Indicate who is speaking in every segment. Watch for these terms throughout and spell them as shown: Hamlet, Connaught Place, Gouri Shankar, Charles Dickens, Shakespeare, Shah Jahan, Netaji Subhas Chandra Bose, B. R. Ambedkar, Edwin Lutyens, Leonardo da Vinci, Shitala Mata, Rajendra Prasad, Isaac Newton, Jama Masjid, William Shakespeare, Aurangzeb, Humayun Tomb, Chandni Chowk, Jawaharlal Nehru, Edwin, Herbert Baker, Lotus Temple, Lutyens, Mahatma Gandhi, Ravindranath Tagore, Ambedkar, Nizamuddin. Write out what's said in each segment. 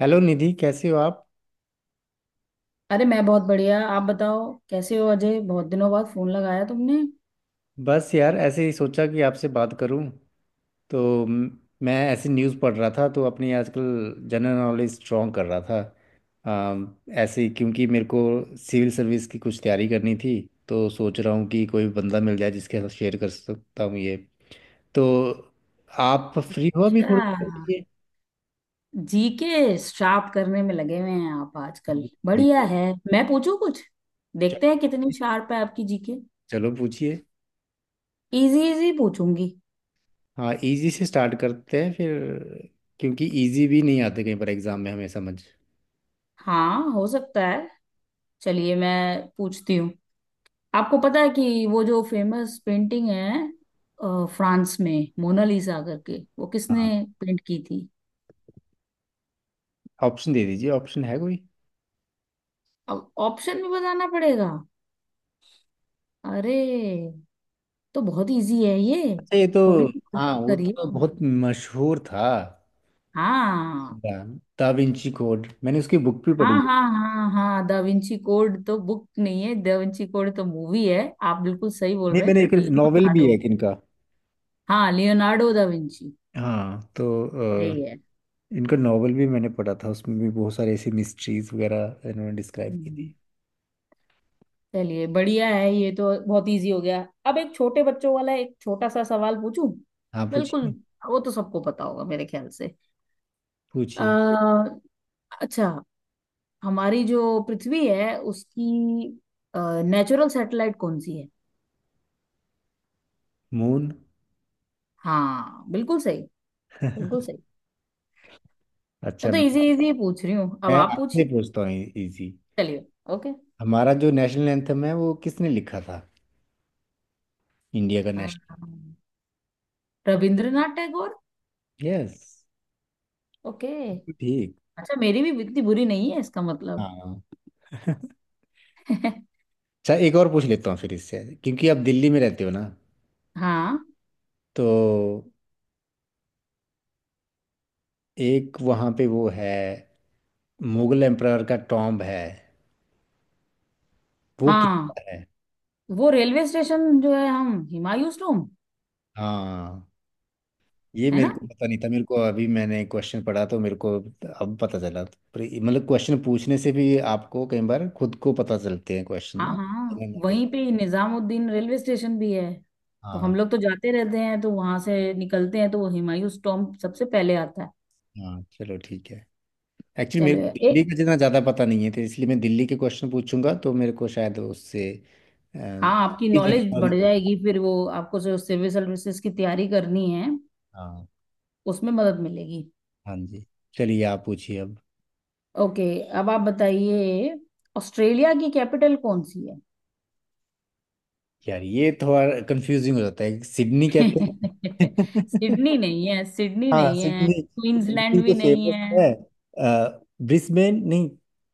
Speaker 1: Hello Nidhi, कैसे हो आप?
Speaker 2: अरे, मैं बहुत बढ़िया। आप बताओ, कैसे हो अजय? बहुत दिनों बाद फोन लगाया तुमने।
Speaker 1: बस यार, ऐसे ही सोचा कि आपसे बात करूं। तो मैं ऐसी न्यूज़ पढ़ रहा था, तो अपनी आजकल जनरल नॉलेज स्ट्रॉन्ग कर रहा था ऐसे ही, क्योंकि मेरे को सिविल सर्विस की कुछ तैयारी करनी थी। तो सोच रहा हूँ कि कोई बंदा मिल जाए जिसके साथ शेयर कर सकता हूँ ये। तो आप फ्री हो अभी
Speaker 2: अच्छा,
Speaker 1: थोड़ी देर के लिए?
Speaker 2: जी के श्राप करने में लगे हुए हैं आप आजकल?
Speaker 1: जी, जी।
Speaker 2: बढ़िया है। मैं पूछूं कुछ?
Speaker 1: चलिए,
Speaker 2: देखते हैं कितनी शार्प है आपकी जी के।
Speaker 1: चलो पूछिए।
Speaker 2: इजी इजी पूछूंगी।
Speaker 1: हाँ, इजी से स्टार्ट करते हैं फिर, क्योंकि इजी भी नहीं आते कहीं पर एग्जाम में हमें समझ।
Speaker 2: हाँ, हो सकता है। चलिए, मैं पूछती हूँ। आपको पता है कि वो जो फेमस पेंटिंग है फ्रांस में, मोनालिसा करके, वो किसने पेंट की थी?
Speaker 1: ऑप्शन दे दीजिए। ऑप्शन है कोई?
Speaker 2: अब ऑप्शन भी बताना पड़ेगा? अरे, तो बहुत इजी है ये।
Speaker 1: अच्छा ये तो।
Speaker 2: थोड़ी सी
Speaker 1: हाँ
Speaker 2: कोशिश
Speaker 1: वो तो
Speaker 2: करिए।
Speaker 1: बहुत मशहूर था।
Speaker 2: हाँ
Speaker 1: दा विंची कोड, मैंने उसकी बुक भी
Speaker 2: हाँ
Speaker 1: पढ़ी है।
Speaker 2: हाँ हाँ हाँ, दा विंची कोड तो बुक नहीं है, दा विंची कोड तो मूवी है। आप बिल्कुल सही बोल
Speaker 1: नहीं,
Speaker 2: रहे हैं।
Speaker 1: मैंने एक नॉवेल भी है
Speaker 2: लियोनार्डो।
Speaker 1: एक इनका।
Speaker 2: हाँ, लियोनार्डो दा विंची।
Speaker 1: हाँ तो अ,
Speaker 2: सही है।
Speaker 1: इनका नॉवेल भी मैंने पढ़ा था, उसमें भी बहुत सारे ऐसी मिस्ट्रीज वगैरह इन्होंने डिस्क्राइब की थी।
Speaker 2: हम्म, चलिए, बढ़िया है, ये तो बहुत इजी हो गया। अब एक छोटे बच्चों वाला एक छोटा सा सवाल पूछूं।
Speaker 1: हाँ
Speaker 2: बिल्कुल,
Speaker 1: पूछिए।
Speaker 2: वो तो सबको पता होगा मेरे ख्याल से।
Speaker 1: पूछिए।
Speaker 2: अ, अच्छा, हमारी जो पृथ्वी है उसकी नेचुरल सैटेलाइट कौन सी है?
Speaker 1: मून।
Speaker 2: हाँ, बिल्कुल सही, बिल्कुल सही। मैं
Speaker 1: अच्छा
Speaker 2: तो
Speaker 1: मैं
Speaker 2: इजी इजी पूछ रही हूँ, अब
Speaker 1: मैं
Speaker 2: आप
Speaker 1: आपसे
Speaker 2: पूछिए।
Speaker 1: पूछता हूँ। इजी।
Speaker 2: चलिए। ओके।
Speaker 1: हमारा जो नेशनल एंथम है वो किसने लिखा था? इंडिया का national.
Speaker 2: Rabindranath Tagore.
Speaker 1: Yes.
Speaker 2: Okay.
Speaker 1: ठीक।
Speaker 2: अच्छा, मेरी भी इतनी बुरी नहीं है इसका मतलब।
Speaker 1: हाँ। अच्छा एक और पूछ लेता हूँ फिर इससे, क्योंकि आप दिल्ली में रहते हो ना।
Speaker 2: हाँ
Speaker 1: तो एक वहाँ पे वो है, मुगल एम्परर का टॉम्ब है, वो
Speaker 2: हाँ,
Speaker 1: किसका है?
Speaker 2: वो रेलवे स्टेशन जो है, हम हुमायूं टॉम्ब।
Speaker 1: हाँ ये
Speaker 2: है
Speaker 1: मेरे
Speaker 2: ना?
Speaker 1: को पता नहीं था। मेरे को अभी मैंने क्वेश्चन पढ़ा तो मेरे को अब पता चला। पर मतलब क्वेश्चन पूछने से भी आपको कई बार खुद को पता चलते हैं क्वेश्चन ना।
Speaker 2: हाँ हाँ,
Speaker 1: जनरल नॉलेज।
Speaker 2: वहीं पे ही निजामुद्दीन रेलवे स्टेशन भी है। तो
Speaker 1: हाँ।
Speaker 2: हम लोग तो जाते रहते हैं तो वहां से निकलते हैं तो वो हुमायूं टॉम्ब सबसे पहले आता है।
Speaker 1: हाँ चलो ठीक है। एक्चुअली मेरे को
Speaker 2: चलिए
Speaker 1: दिल्ली
Speaker 2: एक।
Speaker 1: का जितना ज़्यादा पता नहीं है, तो इसलिए मैं दिल्ली के क्वेश्चन पूछूंगा तो मेरे को शायद उससे
Speaker 2: हाँ, आपकी
Speaker 1: जनरल
Speaker 2: नॉलेज बढ़
Speaker 1: नॉलेज।
Speaker 2: जाएगी, फिर वो आपको जो सिविल सर्विसेज की तैयारी करनी है,
Speaker 1: हाँ।
Speaker 2: उसमें मदद मिलेगी।
Speaker 1: हाँ जी। चलिए आप पूछिए अब।
Speaker 2: ओके, अब आप बताइए, ऑस्ट्रेलिया की कैपिटल कौन सी है?
Speaker 1: यार ये थोड़ा कंफ्यूजिंग हो जाता है, सिडनी कहते हैं।
Speaker 2: सिडनी नहीं है, सिडनी
Speaker 1: हाँ
Speaker 2: नहीं है,
Speaker 1: सिडनी। सिडनी
Speaker 2: क्वींसलैंड
Speaker 1: तो
Speaker 2: भी नहीं
Speaker 1: फेमस
Speaker 2: है।
Speaker 1: है। ब्रिस्बेन नहीं?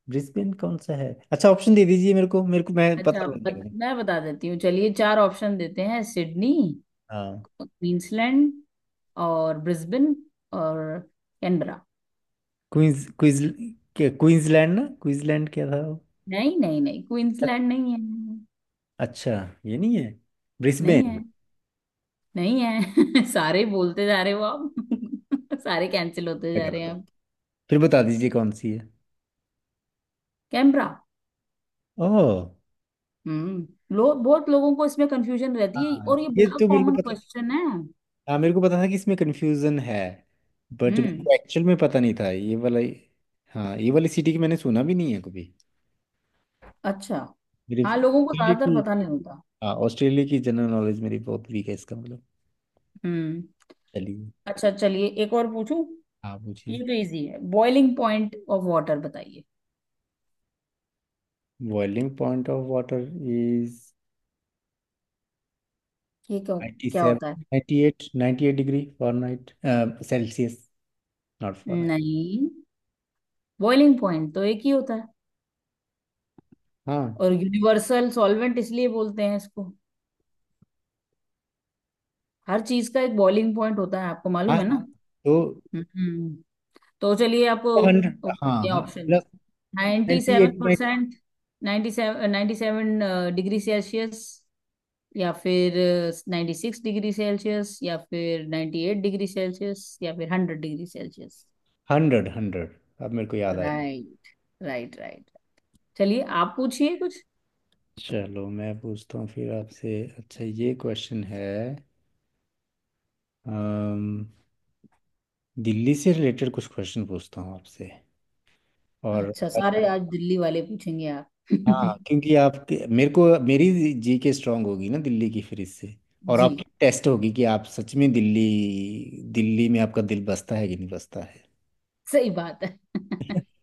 Speaker 1: ब्रिस्बेन कौन सा है? अच्छा ऑप्शन दे दीजिए मेरे को। मैं
Speaker 2: अच्छा,
Speaker 1: पता लग जाएगा।
Speaker 2: मैं बता देती हूँ। चलिए, चार ऑप्शन देते हैं— सिडनी,
Speaker 1: हाँ
Speaker 2: क्वींसलैंड, और ब्रिस्बेन, और कैनबरा।
Speaker 1: क्वींस क्वींस क्या क्वींसलैंड ना? क्वींसलैंड क्या था वो?
Speaker 2: नहीं नहीं नहीं, क्वींसलैंड नहीं है।
Speaker 1: अच्छा, ये नहीं है।
Speaker 2: नहीं है।
Speaker 1: ब्रिस्बेन?
Speaker 2: नहीं है। सारे बोलते जा रहे हो आप। सारे कैंसिल होते जा रहे
Speaker 1: गलत
Speaker 2: हैं
Speaker 1: हो।
Speaker 2: अब।
Speaker 1: फिर बता दीजिए कौन सी है।
Speaker 2: कैमरा।
Speaker 1: ओह।
Speaker 2: लो, बहुत लोगों को इसमें कंफ्यूजन रहती है,
Speaker 1: हाँ
Speaker 2: और ये
Speaker 1: ये
Speaker 2: बड़ा
Speaker 1: तो मेरे
Speaker 2: कॉमन
Speaker 1: को पता।
Speaker 2: क्वेश्चन है।
Speaker 1: हाँ मेरे को पता था कि इसमें कंफ्यूजन है। बट मेरे
Speaker 2: हम्म।
Speaker 1: को एक्चुअल में पता नहीं था ये वाला। हाँ, ये वाली सिटी की मैंने सुना भी नहीं है कभी,
Speaker 2: अच्छा,
Speaker 1: मेरे
Speaker 2: हाँ, लोगों को
Speaker 1: ऑस्ट्रेलिया
Speaker 2: ज्यादातर
Speaker 1: की।
Speaker 2: पता नहीं होता।
Speaker 1: हाँ ऑस्ट्रेलिया की जनरल नॉलेज मेरी बहुत वीक है इसका मतलब।
Speaker 2: हम्म।
Speaker 1: चलिए,
Speaker 2: अच्छा, चलिए एक और पूछूं।
Speaker 1: आप
Speaker 2: ये
Speaker 1: पूछिए।
Speaker 2: तो इजी है, बॉइलिंग पॉइंट ऑफ वाटर बताइए।
Speaker 1: Boiling point of water is
Speaker 2: ये क्या? क्या
Speaker 1: 97,
Speaker 2: होता है?
Speaker 1: 98, 98 degree Fahrenheit. Celsius, not Fahrenheit.
Speaker 2: नहीं, बॉइलिंग पॉइंट तो एक ही होता है,
Speaker 1: हाँ,
Speaker 2: और यूनिवर्सल सॉल्वेंट इसलिए बोलते हैं इसको। हर चीज का एक बॉइलिंग पॉइंट होता है, आपको
Speaker 1: हाँ।
Speaker 2: मालूम है ना?
Speaker 1: हाँ तो
Speaker 2: हम्म तो चलिए आप
Speaker 1: 100।
Speaker 2: अ,
Speaker 1: हाँ,
Speaker 2: ये
Speaker 1: हाँ
Speaker 2: ऑप्शन—
Speaker 1: मतलब
Speaker 2: ninety seven
Speaker 1: 98।
Speaker 2: Percent ninety seven, 97 degree Celsius, या फिर 96 डिग्री सेल्सियस, या फिर 98 डिग्री सेल्सियस, या फिर 100 डिग्री सेल्सियस।
Speaker 1: 100, 100। अब मेरे को याद आया।
Speaker 2: Right, right, right. चलिए, आप पूछिए कुछ।
Speaker 1: चलो मैं पूछता हूँ फिर आपसे। अच्छा ये क्वेश्चन है, अम, दिल्ली से रिलेटेड कुछ क्वेश्चन पूछता हूँ आपसे। और
Speaker 2: अच्छा, सारे
Speaker 1: अच्छा।
Speaker 2: आज दिल्ली वाले पूछेंगे आप?
Speaker 1: हाँ क्योंकि आपके मेरे को मेरी जी के स्ट्रांग होगी ना दिल्ली की फिर इससे, और
Speaker 2: जी,
Speaker 1: आपकी टेस्ट होगी कि आप सच में दिल्ली दिल्ली में आपका दिल बसता है कि नहीं बसता है।
Speaker 2: सही बात है।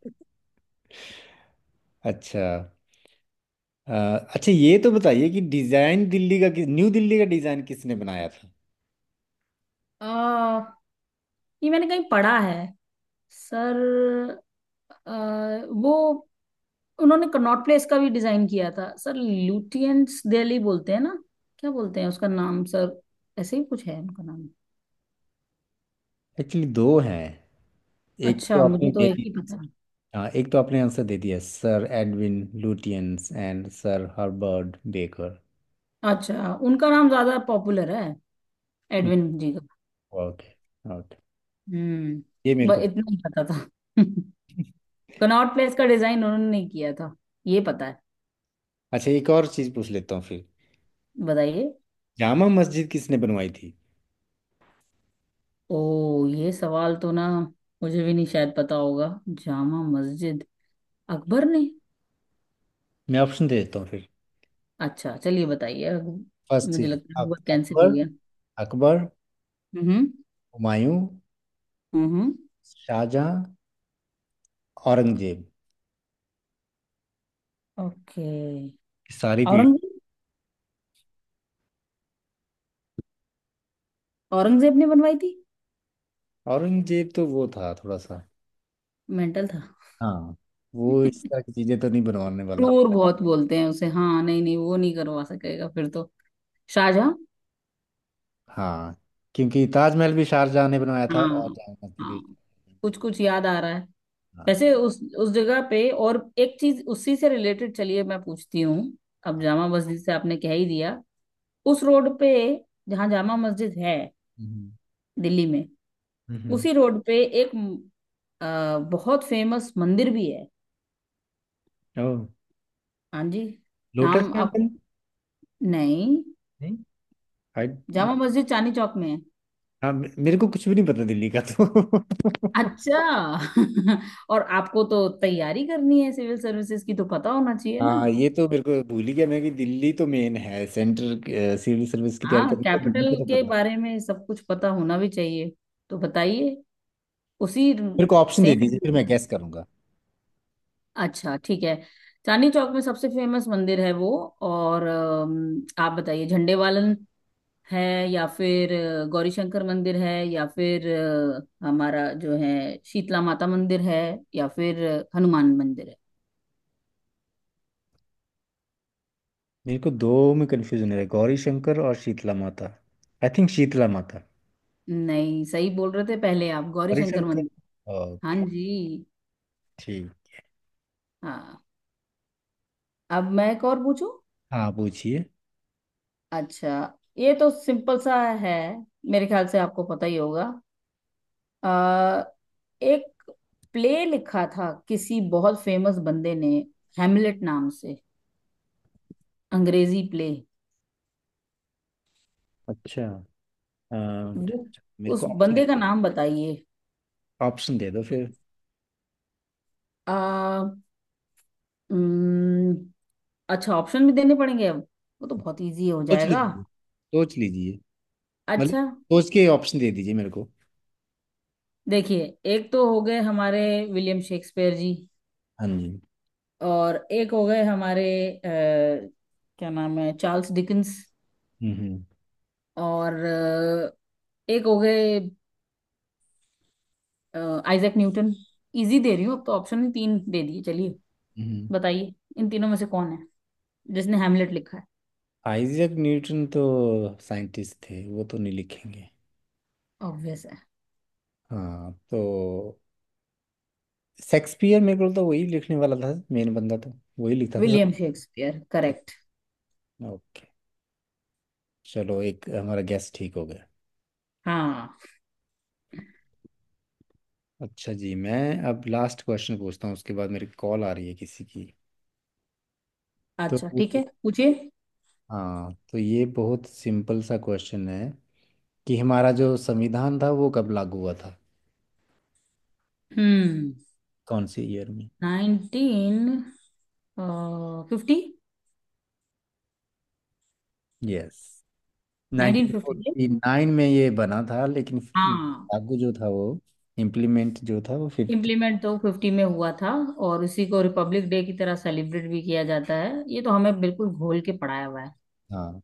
Speaker 1: अच्छा अ, अच्छा ये तो बताइए कि डिज़ाइन दिल्ली का किस- न्यू दिल्ली का डिज़ाइन किसने बनाया था?
Speaker 2: आ, ये मैंने कहीं पढ़ा है सर। अ, वो, उन्होंने कनॉट प्लेस का भी डिजाइन किया था। सर ल्यूटियंस दिल्ली बोलते हैं ना? क्या बोलते हैं उसका नाम? सर, ऐसे ही कुछ है उनका नाम।
Speaker 1: एक्चुअली दो हैं। एक तो
Speaker 2: अच्छा,
Speaker 1: आपने
Speaker 2: मुझे तो
Speaker 1: दे
Speaker 2: एक
Speaker 1: दी।
Speaker 2: ही पता है।
Speaker 1: हाँ एक तो आपने आंसर दे दिया, sir Edwin Lutyens and sir Herbert Baker.
Speaker 2: अच्छा, उनका नाम ज्यादा पॉपुलर है, एडविन जी का।
Speaker 1: ओके। ओके।
Speaker 2: हम्म,
Speaker 1: ये मेरे को।
Speaker 2: बस इतना ही पता था। कनॉट प्लेस का डिजाइन उन्होंने नहीं किया था, ये पता है।
Speaker 1: अच्छा एक और चीज पूछ लेता हूँ फिर।
Speaker 2: बताइए।
Speaker 1: जामा मस्जिद किसने बनवाई थी?
Speaker 2: ओ, ये सवाल तो ना, मुझे भी नहीं शायद पता होगा। जामा मस्जिद अकबर ने?
Speaker 1: मैं ऑप्शन दे देता हूँ फिर।
Speaker 2: अच्छा, चलिए बताइए अब।
Speaker 1: फर्स्ट
Speaker 2: मुझे
Speaker 1: चीज
Speaker 2: लगता है वो कैंसिल
Speaker 1: अकबर।
Speaker 2: हो गया।
Speaker 1: अकबर,
Speaker 2: हम्म।
Speaker 1: हुमायूं,
Speaker 2: हम्म।
Speaker 1: शाहजहां, औरंगजेब।
Speaker 2: ओके।
Speaker 1: सारी पीढ़ी।
Speaker 2: औरंगजेब। औरंगजेब ने बनवाई थी?
Speaker 1: औरंगजेब तो वो था थोड़ा सा।
Speaker 2: मेंटल था,
Speaker 1: हाँ, वो इस तरह की चीजें तो नहीं बनवाने वाला।
Speaker 2: क्रूर बहुत बोलते हैं उसे। हाँ, नहीं नहीं, वो नहीं करवा सकेगा फिर तो। शाहजहां।
Speaker 1: हाँ क्योंकि ताजमहल भी शाहजहां ने बनवाया था और
Speaker 2: हाँ।
Speaker 1: जामा मस्जिद
Speaker 2: हाँ,
Speaker 1: भी।
Speaker 2: कुछ कुछ याद आ रहा है।
Speaker 1: हाँ।
Speaker 2: वैसे उस जगह पे और एक चीज उसी से रिलेटेड, चलिए मैं पूछती हूँ। अब जामा मस्जिद से आपने कह ही दिया। उस रोड पे, जहाँ जामा मस्जिद है,
Speaker 1: हम्म।
Speaker 2: दिल्ली में,
Speaker 1: हम्म।
Speaker 2: उसी रोड पे एक बहुत फेमस मंदिर भी है।
Speaker 1: ओह।
Speaker 2: हाँ जी,
Speaker 1: लोटस
Speaker 2: नाम आप—
Speaker 1: टेम्पल।
Speaker 2: नहीं,
Speaker 1: नहीं? आई।
Speaker 2: जामा मस्जिद चांदनी चौक में है।
Speaker 1: हाँ मेरे को कुछ भी नहीं पता दिल्ली का तो।
Speaker 2: अच्छा। और आपको तो तैयारी करनी है सिविल सर्विसेज की, तो पता होना चाहिए ना?
Speaker 1: हाँ ये तो मेरे को भूल ही गया मैं कि दिल्ली तो मेन है सेंटर सिविल सर्विस की तैयारी
Speaker 2: हाँ,
Speaker 1: करने के लिए, दिल्ली
Speaker 2: कैपिटल
Speaker 1: का तो
Speaker 2: के
Speaker 1: पता।
Speaker 2: बारे में सब कुछ पता होना भी चाहिए। तो बताइए उसी—
Speaker 1: मेरे को ऑप्शन दे
Speaker 2: सेम,
Speaker 1: दीजिए फिर मैं गैस करूंगा।
Speaker 2: अच्छा ठीक है। चांदनी चौक में सबसे फेमस मंदिर है वो। और आप बताइए— झंडे वालन है, या फिर गौरीशंकर मंदिर है, या फिर हमारा जो है, शीतला माता मंदिर है, या फिर हनुमान मंदिर है?
Speaker 1: मेरे को दो में कंफ्यूजन हो रहा है, गौरी शंकर और शीतला माता। आई थिंक शीतला माता।
Speaker 2: नहीं, सही बोल रहे थे पहले आप।
Speaker 1: गौरी
Speaker 2: गौरीशंकर
Speaker 1: शंकर।
Speaker 2: मंदिर। हाँ
Speaker 1: ओके।
Speaker 2: जी।
Speaker 1: ठीक।
Speaker 2: हाँ, अब मैं एक और पूछूं।
Speaker 1: हाँ पूछिए।
Speaker 2: अच्छा, ये तो सिंपल सा है, मेरे ख्याल से आपको पता ही होगा। आ, एक प्ले लिखा था किसी बहुत फेमस बंदे ने, हैमलेट नाम से, अंग्रेजी प्ले।
Speaker 1: अच्छा अ,
Speaker 2: वो
Speaker 1: मेरे
Speaker 2: उस
Speaker 1: को ऑप्शन दे।
Speaker 2: बंदे का नाम बताइए।
Speaker 1: ऑप्शन दे दो फिर।
Speaker 2: आ, उम्म, अच्छा, ऑप्शन भी देने पड़ेंगे अब? वो तो बहुत इजी हो
Speaker 1: सोच
Speaker 2: जाएगा।
Speaker 1: लीजिए, सोच लीजिए। मतलब
Speaker 2: अच्छा,
Speaker 1: सोच के ऑप्शन दे दीजिए मेरे को।
Speaker 2: देखिए— एक तो हो गए हमारे विलियम शेक्सपियर जी,
Speaker 1: हाँ जी।
Speaker 2: और एक हो गए हमारे अ, क्या नाम है, चार्ल्स डिकिंस,
Speaker 1: हम्म।
Speaker 2: और एक हो गए आइजैक न्यूटन। इजी दे रही हूँ अब तो, ऑप्शन तीन दे दिए। चलिए,
Speaker 1: हम्म।
Speaker 2: बताइए, इन तीनों में से कौन है जिसने हैमलेट लिखा है?
Speaker 1: आइजैक न्यूटन तो साइंटिस्ट थे, वो तो नहीं लिखेंगे।
Speaker 2: ऑब्वियस है।
Speaker 1: हाँ तो शेक्सपियर, मेरे को तो वही लिखने वाला था, मेन बंदा तो वही लिखता था।
Speaker 2: William Shakespeare
Speaker 1: sir.
Speaker 2: Correct.
Speaker 1: Okay. चलो एक हमारा गैस ठीक हो गया।
Speaker 2: हाँ।
Speaker 1: अच्छा जी, मैं अब लास्ट क्वेश्चन पूछता हूँ, उसके बाद मेरी कॉल आ रही है किसी की। तो
Speaker 2: अच्छा ठीक है, पूछिए।
Speaker 1: हाँ तो ये बहुत सिंपल सा क्वेश्चन है कि हमारा जो संविधान था वो कब लागू हुआ था?
Speaker 2: हम्म।
Speaker 1: कौन से ईयर में?
Speaker 2: 1950।
Speaker 1: यस।
Speaker 2: 1950, right?
Speaker 1: 1949 में ये बना था, लेकिन
Speaker 2: हाँ,
Speaker 1: लागू जो था वो, इम्प्लीमेंट जो था वो 50।
Speaker 2: इम्प्लीमेंट तो फिफ्टी में हुआ था। और इसी को रिपब्लिक डे की तरह सेलिब्रेट भी किया जाता है, ये तो हमें बिल्कुल घोल के पढ़ाया हुआ है।
Speaker 1: हाँ।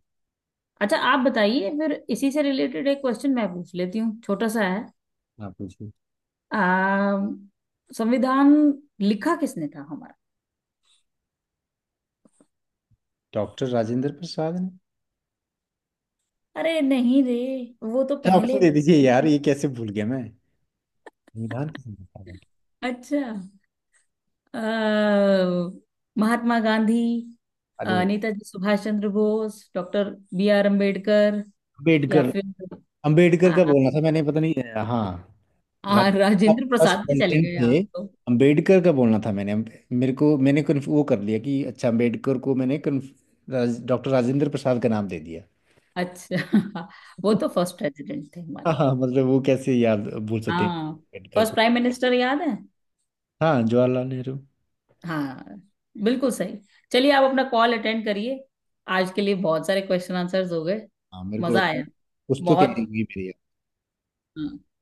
Speaker 2: अच्छा आप बताइए, फिर इसी से रिलेटेड एक क्वेश्चन मैं पूछ लेती हूँ, छोटा सा है।
Speaker 1: आप पूछिए।
Speaker 2: आ, संविधान लिखा किसने था हमारा?
Speaker 1: डॉक्टर राजेंद्र प्रसाद ने।
Speaker 2: अरे नहीं रे, वो तो
Speaker 1: अच्छा, ऑप्शन
Speaker 2: पहले
Speaker 1: दे दीजिए यार, ये कैसे भूल गया मैं। संविधान किसने लिखा था?
Speaker 2: अच्छा, अ, महात्मा गांधी,
Speaker 1: अरे वो
Speaker 2: नेताजी सुभाष चंद्र बोस, डॉक्टर बी.आर. अम्बेडकर, या
Speaker 1: अम्बेडकर।
Speaker 2: फिर—
Speaker 1: अम्बेडकर
Speaker 2: हाँ
Speaker 1: का
Speaker 2: हाँ।
Speaker 1: बोलना था मैंने, पता नहीं। हाँ।
Speaker 2: हाँ,
Speaker 1: राजेंद्र
Speaker 2: राजेंद्र
Speaker 1: फर्स्ट
Speaker 2: प्रसाद पे चले
Speaker 1: प्रेसिडेंट
Speaker 2: गए
Speaker 1: थे।
Speaker 2: आप तो।
Speaker 1: अम्बेडकर का बोलना था मैंने, मेरे को मैंने वो कर लिया कि अच्छा अम्बेडकर को मैंने डॉक्टर राजेंद्र प्रसाद का नाम दे दिया।
Speaker 2: अच्छा वो तो फर्स्ट प्रेसिडेंट थे
Speaker 1: हाँ,
Speaker 2: हमारे।
Speaker 1: हाँ मतलब वो कैसे याद भूल सकते हैं
Speaker 2: हाँ,
Speaker 1: अम्बेडकर
Speaker 2: फर्स्ट
Speaker 1: को।
Speaker 2: प्राइम मिनिस्टर याद है?
Speaker 1: हाँ, जवाहरलाल नेहरू।
Speaker 2: हाँ, बिल्कुल सही। चलिए, आप अपना कॉल अटेंड करिए, आज के लिए बहुत सारे क्वेश्चन आंसर्स हो गए।
Speaker 1: हाँ मेरे को
Speaker 2: मजा
Speaker 1: लगता है
Speaker 2: आया
Speaker 1: कुछ तो तैयारी
Speaker 2: बहुत।
Speaker 1: हुई मेरी।
Speaker 2: हाँ।